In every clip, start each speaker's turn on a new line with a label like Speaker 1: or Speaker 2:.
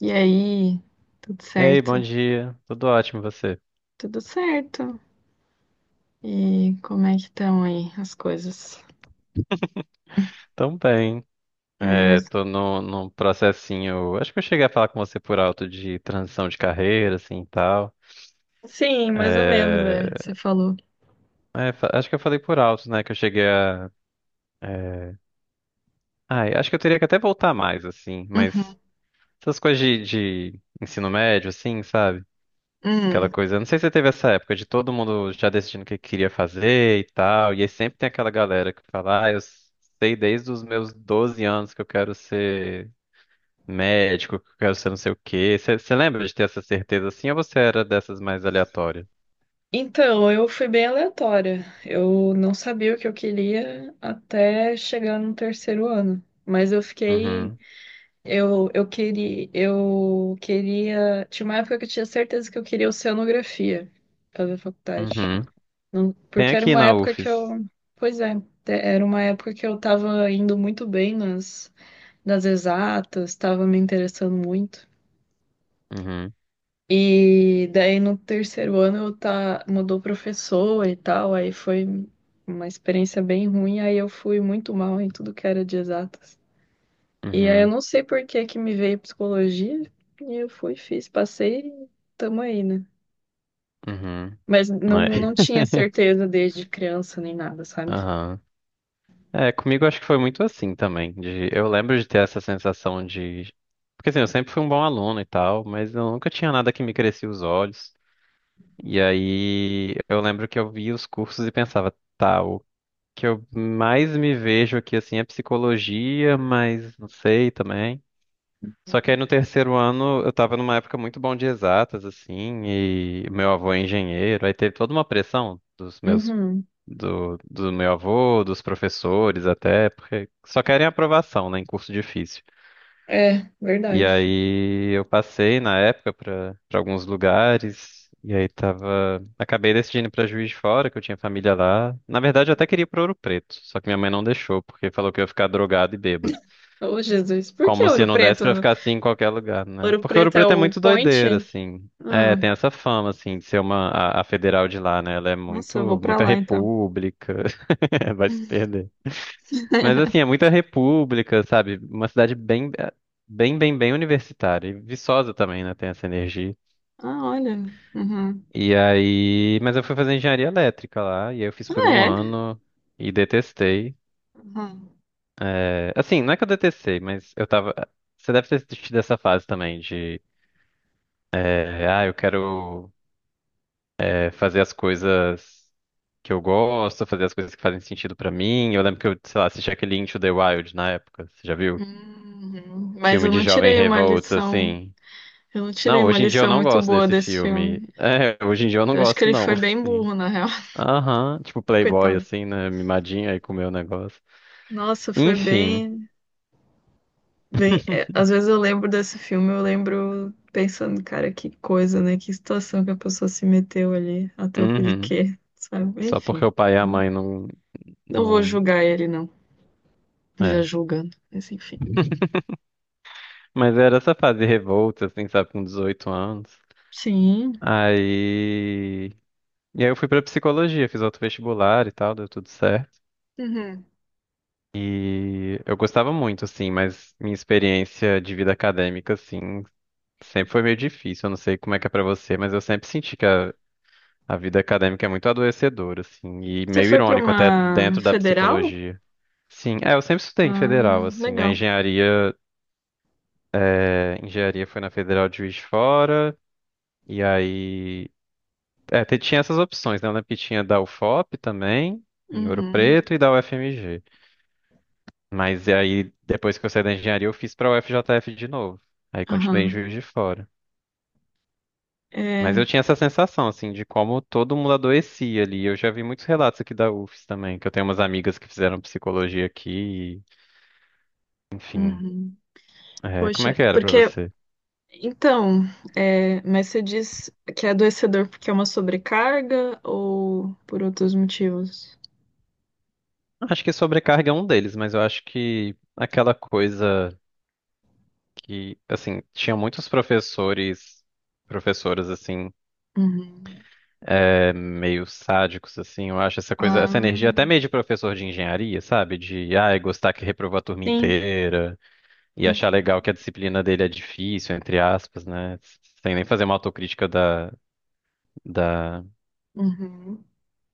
Speaker 1: E aí, tudo
Speaker 2: Ei, bom
Speaker 1: certo?
Speaker 2: dia. Tudo ótimo, e você?
Speaker 1: Tudo certo. E como é que estão aí as coisas?
Speaker 2: Tão bem.
Speaker 1: É,
Speaker 2: É, tô no, num processinho. Acho que eu cheguei a falar com você por alto de transição de carreira, assim e tal.
Speaker 1: sim, mais ou menos,
Speaker 2: É,
Speaker 1: você falou.
Speaker 2: acho que eu falei por alto, né? Que eu cheguei a. é, Ai, acho que eu teria que até voltar mais, assim. Mas
Speaker 1: Uhum.
Speaker 2: essas coisas de ensino médio, assim, sabe? Aquela
Speaker 1: Hum.
Speaker 2: coisa. Não sei se você teve essa época de todo mundo já decidindo o que queria fazer e tal. E aí sempre tem aquela galera que fala, ah, eu sei desde os meus 12 anos que eu quero ser médico, que eu quero ser não sei o quê. Você lembra de ter essa certeza assim ou você era dessas mais aleatórias?
Speaker 1: Então, eu fui bem aleatória. Eu não sabia o que eu queria até chegar no terceiro ano. Mas eu fiquei.
Speaker 2: Uhum,
Speaker 1: Eu queria. Eu queria. Tinha uma época que eu tinha certeza que eu queria oceanografia fazer faculdade.
Speaker 2: uhum. Tem
Speaker 1: Porque era
Speaker 2: aqui
Speaker 1: uma
Speaker 2: na
Speaker 1: época que
Speaker 2: UFES.
Speaker 1: eu. Pois é, era uma época que eu tava indo muito bem nas exatas, tava me interessando muito.
Speaker 2: Uhum,
Speaker 1: E daí no terceiro ano eu tá, mudou professor e tal, aí foi uma experiência bem ruim, aí eu fui muito mal em tudo que era de exatas. E aí eu
Speaker 2: uhum,
Speaker 1: não sei por que que me veio psicologia, e eu fui, fiz, passei e tamo aí, né?
Speaker 2: uhum.
Speaker 1: Mas não
Speaker 2: É.
Speaker 1: tinha certeza desde criança nem nada, sabe?
Speaker 2: Aham. É, comigo acho que foi muito assim também. Eu lembro de ter essa sensação de. Porque assim, eu sempre fui um bom aluno e tal, mas eu nunca tinha nada que me crescia os olhos. E aí eu lembro que eu via os cursos e pensava, tá, que eu mais me vejo aqui assim é psicologia, mas não sei também. Só que aí
Speaker 1: Uhum.
Speaker 2: no terceiro ano eu tava numa época muito bom de exatas, assim, e meu avô é engenheiro, aí teve toda uma pressão dos meus,
Speaker 1: Uhum.
Speaker 2: do meu avô, dos professores até, porque só querem aprovação, né, em curso difícil.
Speaker 1: É,
Speaker 2: E
Speaker 1: verdade.
Speaker 2: aí eu passei na época para alguns lugares e aí tava, acabei decidindo para Juiz de Fora, que eu tinha família lá. Na verdade, eu até queria ir para Ouro Preto, só que minha mãe não deixou, porque falou que eu ia ficar drogado e bêbado.
Speaker 1: Ô, Jesus, por que
Speaker 2: Como se
Speaker 1: Ouro
Speaker 2: não desse para
Speaker 1: Preto?
Speaker 2: ficar assim em qualquer lugar, né?
Speaker 1: Ouro
Speaker 2: Porque Ouro
Speaker 1: Preto é
Speaker 2: Preto é
Speaker 1: o
Speaker 2: muito
Speaker 1: Point?
Speaker 2: doideira, assim. É,
Speaker 1: Ah,
Speaker 2: tem essa fama assim de ser a federal de lá, né? Ela é
Speaker 1: nossa, eu vou
Speaker 2: muito
Speaker 1: pra
Speaker 2: muita
Speaker 1: lá então.
Speaker 2: república. Vai se perder. Mas assim, é muita república, sabe? Uma cidade bem, bem, bem, bem universitária. E Viçosa também, né? Tem essa energia.
Speaker 1: Ah, olha. Uhum.
Speaker 2: E aí. Mas eu fui fazer engenharia elétrica lá, e aí eu fiz
Speaker 1: Ah,
Speaker 2: por um
Speaker 1: é?
Speaker 2: ano e detestei.
Speaker 1: Uhum.
Speaker 2: É, assim, não é que eu detestei, mas eu tava. Você deve ter tido essa fase também de. Ah, eu quero é, fazer as coisas. Que eu gosto, fazer as coisas que fazem sentido pra mim. Eu lembro que eu, sei lá, assisti aquele Into the Wild na época, você já viu?
Speaker 1: Uhum. Mas
Speaker 2: Filme
Speaker 1: eu
Speaker 2: de
Speaker 1: não
Speaker 2: jovem
Speaker 1: tirei uma
Speaker 2: revolts,
Speaker 1: lição.
Speaker 2: assim.
Speaker 1: Eu não tirei
Speaker 2: Não,
Speaker 1: uma
Speaker 2: hoje em dia eu
Speaker 1: lição
Speaker 2: não
Speaker 1: muito
Speaker 2: gosto
Speaker 1: boa
Speaker 2: desse
Speaker 1: desse filme.
Speaker 2: filme. É, hoje em dia eu não
Speaker 1: Eu acho que
Speaker 2: gosto,
Speaker 1: ele
Speaker 2: não,
Speaker 1: foi bem
Speaker 2: assim.
Speaker 1: burro, na real.
Speaker 2: Aham, tipo Playboy,
Speaker 1: Coitado.
Speaker 2: assim, né? Mimadinho aí com o meu negócio.
Speaker 1: Nossa, foi
Speaker 2: Enfim,
Speaker 1: bem. Às vezes eu lembro desse filme, eu lembro pensando, cara, que coisa, né? Que situação que a pessoa se meteu ali, a troco de
Speaker 2: uhum.
Speaker 1: quê, sabe?
Speaker 2: Só porque
Speaker 1: Enfim.
Speaker 2: o pai e a mãe não,
Speaker 1: Não vou
Speaker 2: não...
Speaker 1: julgar ele, não. Já
Speaker 2: É.
Speaker 1: julgando, mas enfim.
Speaker 2: Mas era essa fase revolta, assim, sabe, com 18 anos.
Speaker 1: Sim.
Speaker 2: Aí... E aí eu fui pra psicologia, fiz outro vestibular e tal, deu tudo certo.
Speaker 1: Uhum.
Speaker 2: E eu gostava muito, assim, mas minha experiência de vida acadêmica, assim, sempre foi meio difícil, eu não sei como é que é pra você, mas eu sempre senti que a vida acadêmica é muito adoecedora, assim, e
Speaker 1: Você
Speaker 2: meio
Speaker 1: foi para
Speaker 2: irônico até
Speaker 1: uma
Speaker 2: dentro da
Speaker 1: federal?
Speaker 2: psicologia. Sim, eu sempre estudei em
Speaker 1: Ah,
Speaker 2: federal, assim, a
Speaker 1: legal.
Speaker 2: engenharia, engenharia foi na Federal de Juiz de Fora, e aí, tinha essas opções, né, eu lembro que tinha da UFOP também, em Ouro
Speaker 1: Uhum.
Speaker 2: Preto, e da UFMG, mas aí, depois que eu saí da engenharia, eu fiz pra UFJF de novo, aí continuei em
Speaker 1: Aham.
Speaker 2: Juiz de Fora. Mas eu
Speaker 1: É.
Speaker 2: tinha essa sensação, assim, de como todo mundo adoecia ali. Eu já vi muitos relatos aqui da UFES também, que eu tenho umas amigas que fizeram psicologia aqui, e, enfim.
Speaker 1: Uhum.
Speaker 2: É, como é
Speaker 1: Poxa,
Speaker 2: que era pra
Speaker 1: porque.
Speaker 2: você?
Speaker 1: Então, é, mas você diz que é adoecedor porque é uma sobrecarga ou por outros motivos?
Speaker 2: Acho que sobrecarga é um deles, mas eu acho que aquela coisa que, assim, tinha muitos professores, professoras, assim,
Speaker 1: Uhum.
Speaker 2: meio sádicos, assim, eu acho essa coisa, essa energia até
Speaker 1: Ah,
Speaker 2: meio de professor de engenharia, sabe? De, ai, gostar que reprovou a turma
Speaker 1: sim.
Speaker 2: inteira. E
Speaker 1: Uhum.
Speaker 2: achar legal que a disciplina dele é difícil, entre aspas, né? Sem nem fazer uma autocrítica da, da,
Speaker 1: Uhum.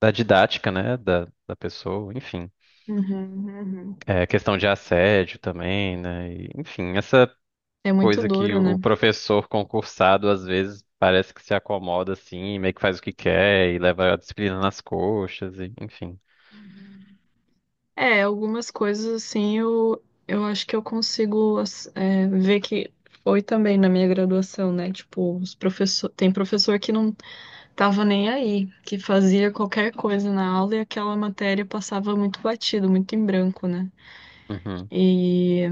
Speaker 2: da didática, né? Da pessoa, enfim.
Speaker 1: Uhum. Uhum.
Speaker 2: É, questão de assédio também, né? E, enfim, essa
Speaker 1: É muito
Speaker 2: coisa que
Speaker 1: duro,
Speaker 2: o
Speaker 1: né?
Speaker 2: professor concursado, às vezes, parece que se acomoda assim, meio que faz o que quer e leva a disciplina nas coxas, e, enfim.
Speaker 1: Uhum. É, algumas coisas assim eu acho que eu consigo ver que foi também na minha graduação, né? Tipo, os professor, tem professor que não tava nem aí, que fazia qualquer coisa na aula e aquela matéria passava muito batido, muito em branco, né?
Speaker 2: Uhum,
Speaker 1: E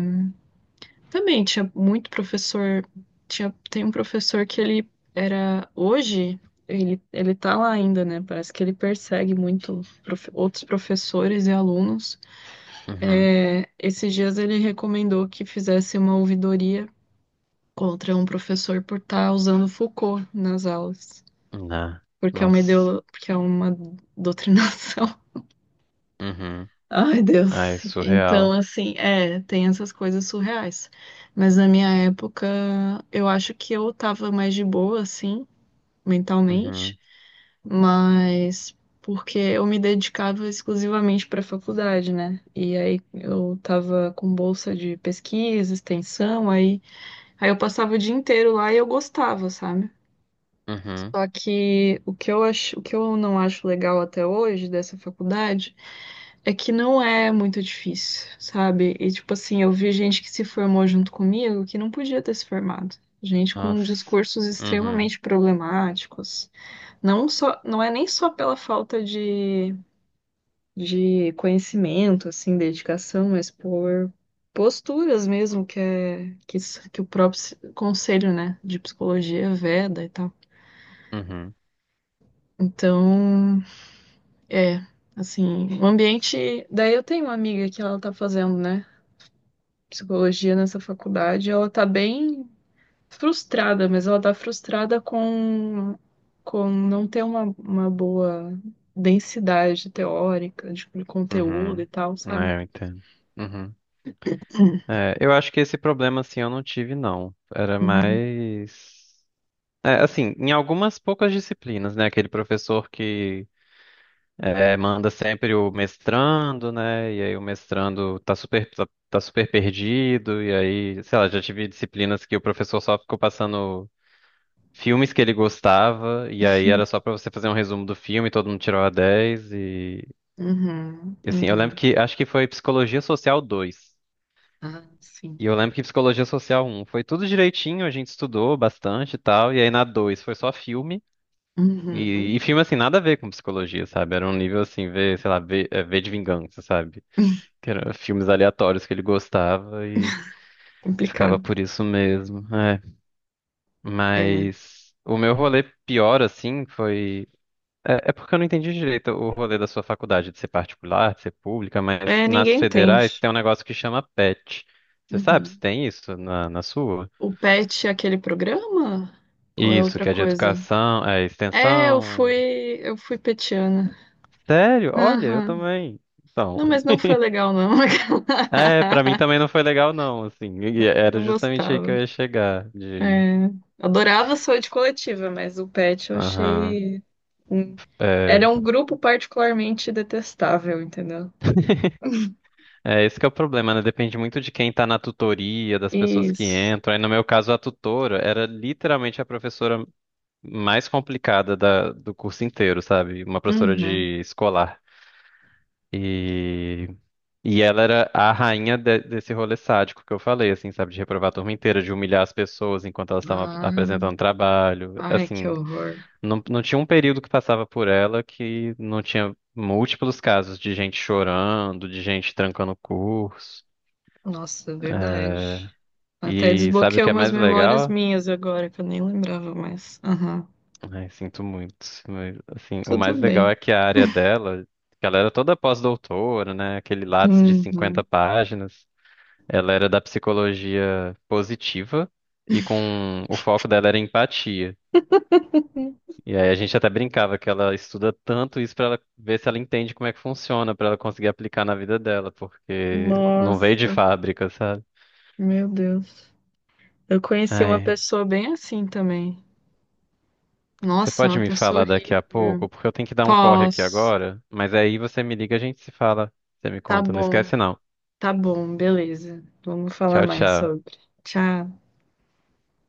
Speaker 1: também tinha muito professor, tinha, tem um professor que ele era hoje. Ele tá lá ainda, né? Parece que ele persegue outros professores e alunos.
Speaker 2: uhum.
Speaker 1: É, esses dias ele recomendou que fizesse uma ouvidoria contra um professor por estar usando Foucault nas aulas,
Speaker 2: Nah,
Speaker 1: porque é uma
Speaker 2: nossa.
Speaker 1: porque é uma doutrinação.
Speaker 2: Uhum.
Speaker 1: Ai,
Speaker 2: Ai,
Speaker 1: Deus.
Speaker 2: surreal.
Speaker 1: Então, assim, é, tem essas coisas surreais. Mas na minha época, eu acho que eu tava mais de boa, assim, mentalmente.
Speaker 2: Uhum,
Speaker 1: Mas porque eu me dedicava exclusivamente para a faculdade, né? E aí eu tava com bolsa de pesquisa, extensão, aí eu passava o dia inteiro lá e eu gostava, sabe?
Speaker 2: uhum.
Speaker 1: Só que o que eu acho, o que eu não acho legal até hoje dessa faculdade é que não é muito difícil, sabe? E tipo assim, eu vi gente que se formou junto comigo que não podia ter se formado. Gente com
Speaker 2: Nossa.
Speaker 1: discursos
Speaker 2: Uhum,
Speaker 1: extremamente problemáticos. Não só, não é nem só pela falta de conhecimento, assim, dedicação, mas por posturas mesmo que é que o próprio conselho, né, de psicologia veda e tal.
Speaker 2: uhum.
Speaker 1: Então, é, assim, o ambiente. Daí eu tenho uma amiga que ela tá fazendo, né, psicologia nessa faculdade. Ela tá bem frustrada, mas ela tá frustrada com não ter uma boa densidade teórica, tipo, de conteúdo e
Speaker 2: Uhum.
Speaker 1: tal, sabe?
Speaker 2: É, eu entendo. Uhum. É, eu acho que esse problema, assim, eu não tive, não. Era
Speaker 1: Uhum,
Speaker 2: mais. É, assim, em algumas poucas disciplinas, né? Aquele professor que manda sempre o mestrando, né? E aí o mestrando tá super perdido. E aí, sei lá, já tive disciplinas que o professor só ficou passando filmes que ele gostava. E aí era só pra você fazer um resumo do filme, todo mundo tirou a 10. E, e assim, eu lembro
Speaker 1: uhum.
Speaker 2: que acho que foi Psicologia Social dois.
Speaker 1: Ah, sim.
Speaker 2: E eu lembro que Psicologia Social um foi tudo direitinho, a gente estudou bastante e tal. E aí na 2 foi só filme. E,
Speaker 1: Uhum.
Speaker 2: e filme, assim, nada a ver com psicologia, sabe? Era um nível, assim, sei lá, ver de vingança, sabe? Que eram filmes aleatórios que ele gostava e ficava
Speaker 1: Complicado.
Speaker 2: por isso mesmo. É.
Speaker 1: É.
Speaker 2: Mas o meu rolê pior, assim, foi. É porque eu não entendi direito o rolê da sua faculdade, de ser particular, de ser pública, mas
Speaker 1: É,
Speaker 2: nas
Speaker 1: ninguém
Speaker 2: federais
Speaker 1: entende.
Speaker 2: tem um negócio que chama PET. Você sabe se
Speaker 1: Uhum.
Speaker 2: tem isso na sua?
Speaker 1: O PET é aquele programa? Ou é
Speaker 2: Isso,
Speaker 1: outra
Speaker 2: que é de
Speaker 1: coisa?
Speaker 2: educação, é
Speaker 1: É,
Speaker 2: extensão.
Speaker 1: eu fui petiana.
Speaker 2: Sério? Olha, eu
Speaker 1: Aham.
Speaker 2: também. Então,
Speaker 1: Não, mas não foi legal, não.
Speaker 2: pra mim também não foi legal não, assim. E
Speaker 1: Não,
Speaker 2: era
Speaker 1: não
Speaker 2: justamente aí que
Speaker 1: gostava.
Speaker 2: eu ia chegar de,
Speaker 1: É, adorava sua de coletiva, mas o pet eu
Speaker 2: aham.
Speaker 1: achei. Hum,
Speaker 2: É,
Speaker 1: era um grupo particularmente detestável, entendeu?
Speaker 2: esse que é o problema, né? Depende muito de quem tá na tutoria, das pessoas que
Speaker 1: Isso.
Speaker 2: entram. Aí no meu caso, a tutora era literalmente a professora mais complicada do curso inteiro, sabe? Uma professora
Speaker 1: Uhum.
Speaker 2: de escolar. E E ela era a rainha desse rolê sádico que eu falei, assim, sabe? De reprovar a turma inteira, de humilhar as pessoas enquanto elas estavam ap-
Speaker 1: Ah,
Speaker 2: apresentando trabalho.
Speaker 1: ai, que
Speaker 2: Assim,
Speaker 1: horror.
Speaker 2: não tinha um período que passava por ela que não tinha múltiplos casos de gente chorando, de gente trancando o curso.
Speaker 1: Nossa, é verdade.
Speaker 2: É,
Speaker 1: Até
Speaker 2: E sabe o
Speaker 1: desbloqueou
Speaker 2: que é
Speaker 1: umas
Speaker 2: mais
Speaker 1: memórias
Speaker 2: legal?
Speaker 1: minhas agora, que eu nem lembrava mais. Aham.
Speaker 2: Ai, sinto muito. Mas, assim, o
Speaker 1: Tudo
Speaker 2: mais legal
Speaker 1: bem.
Speaker 2: é que a área dela, que ela era toda pós-doutora, né? Aquele Lattes de 50
Speaker 1: Uhum.
Speaker 2: páginas. Ela era da psicologia positiva e com o foco dela era empatia. E aí a gente até brincava que ela estuda tanto isso para ela ver se ela entende como é que funciona, para ela conseguir aplicar na vida dela, porque não veio de
Speaker 1: Nossa,
Speaker 2: fábrica, sabe?
Speaker 1: meu Deus. Eu conheci uma
Speaker 2: Ai,
Speaker 1: pessoa bem assim também.
Speaker 2: você
Speaker 1: Nossa,
Speaker 2: pode
Speaker 1: uma
Speaker 2: me
Speaker 1: pessoa
Speaker 2: falar daqui a
Speaker 1: horrível.
Speaker 2: pouco, porque eu tenho que dar um corre aqui
Speaker 1: Posso.
Speaker 2: agora, mas aí você me liga, a gente se fala, você me
Speaker 1: Tá
Speaker 2: conta, não
Speaker 1: bom,
Speaker 2: esquece não.
Speaker 1: tá bom, beleza. Vamos falar
Speaker 2: Tchau,
Speaker 1: mais
Speaker 2: tchau.
Speaker 1: sobre. Tchau.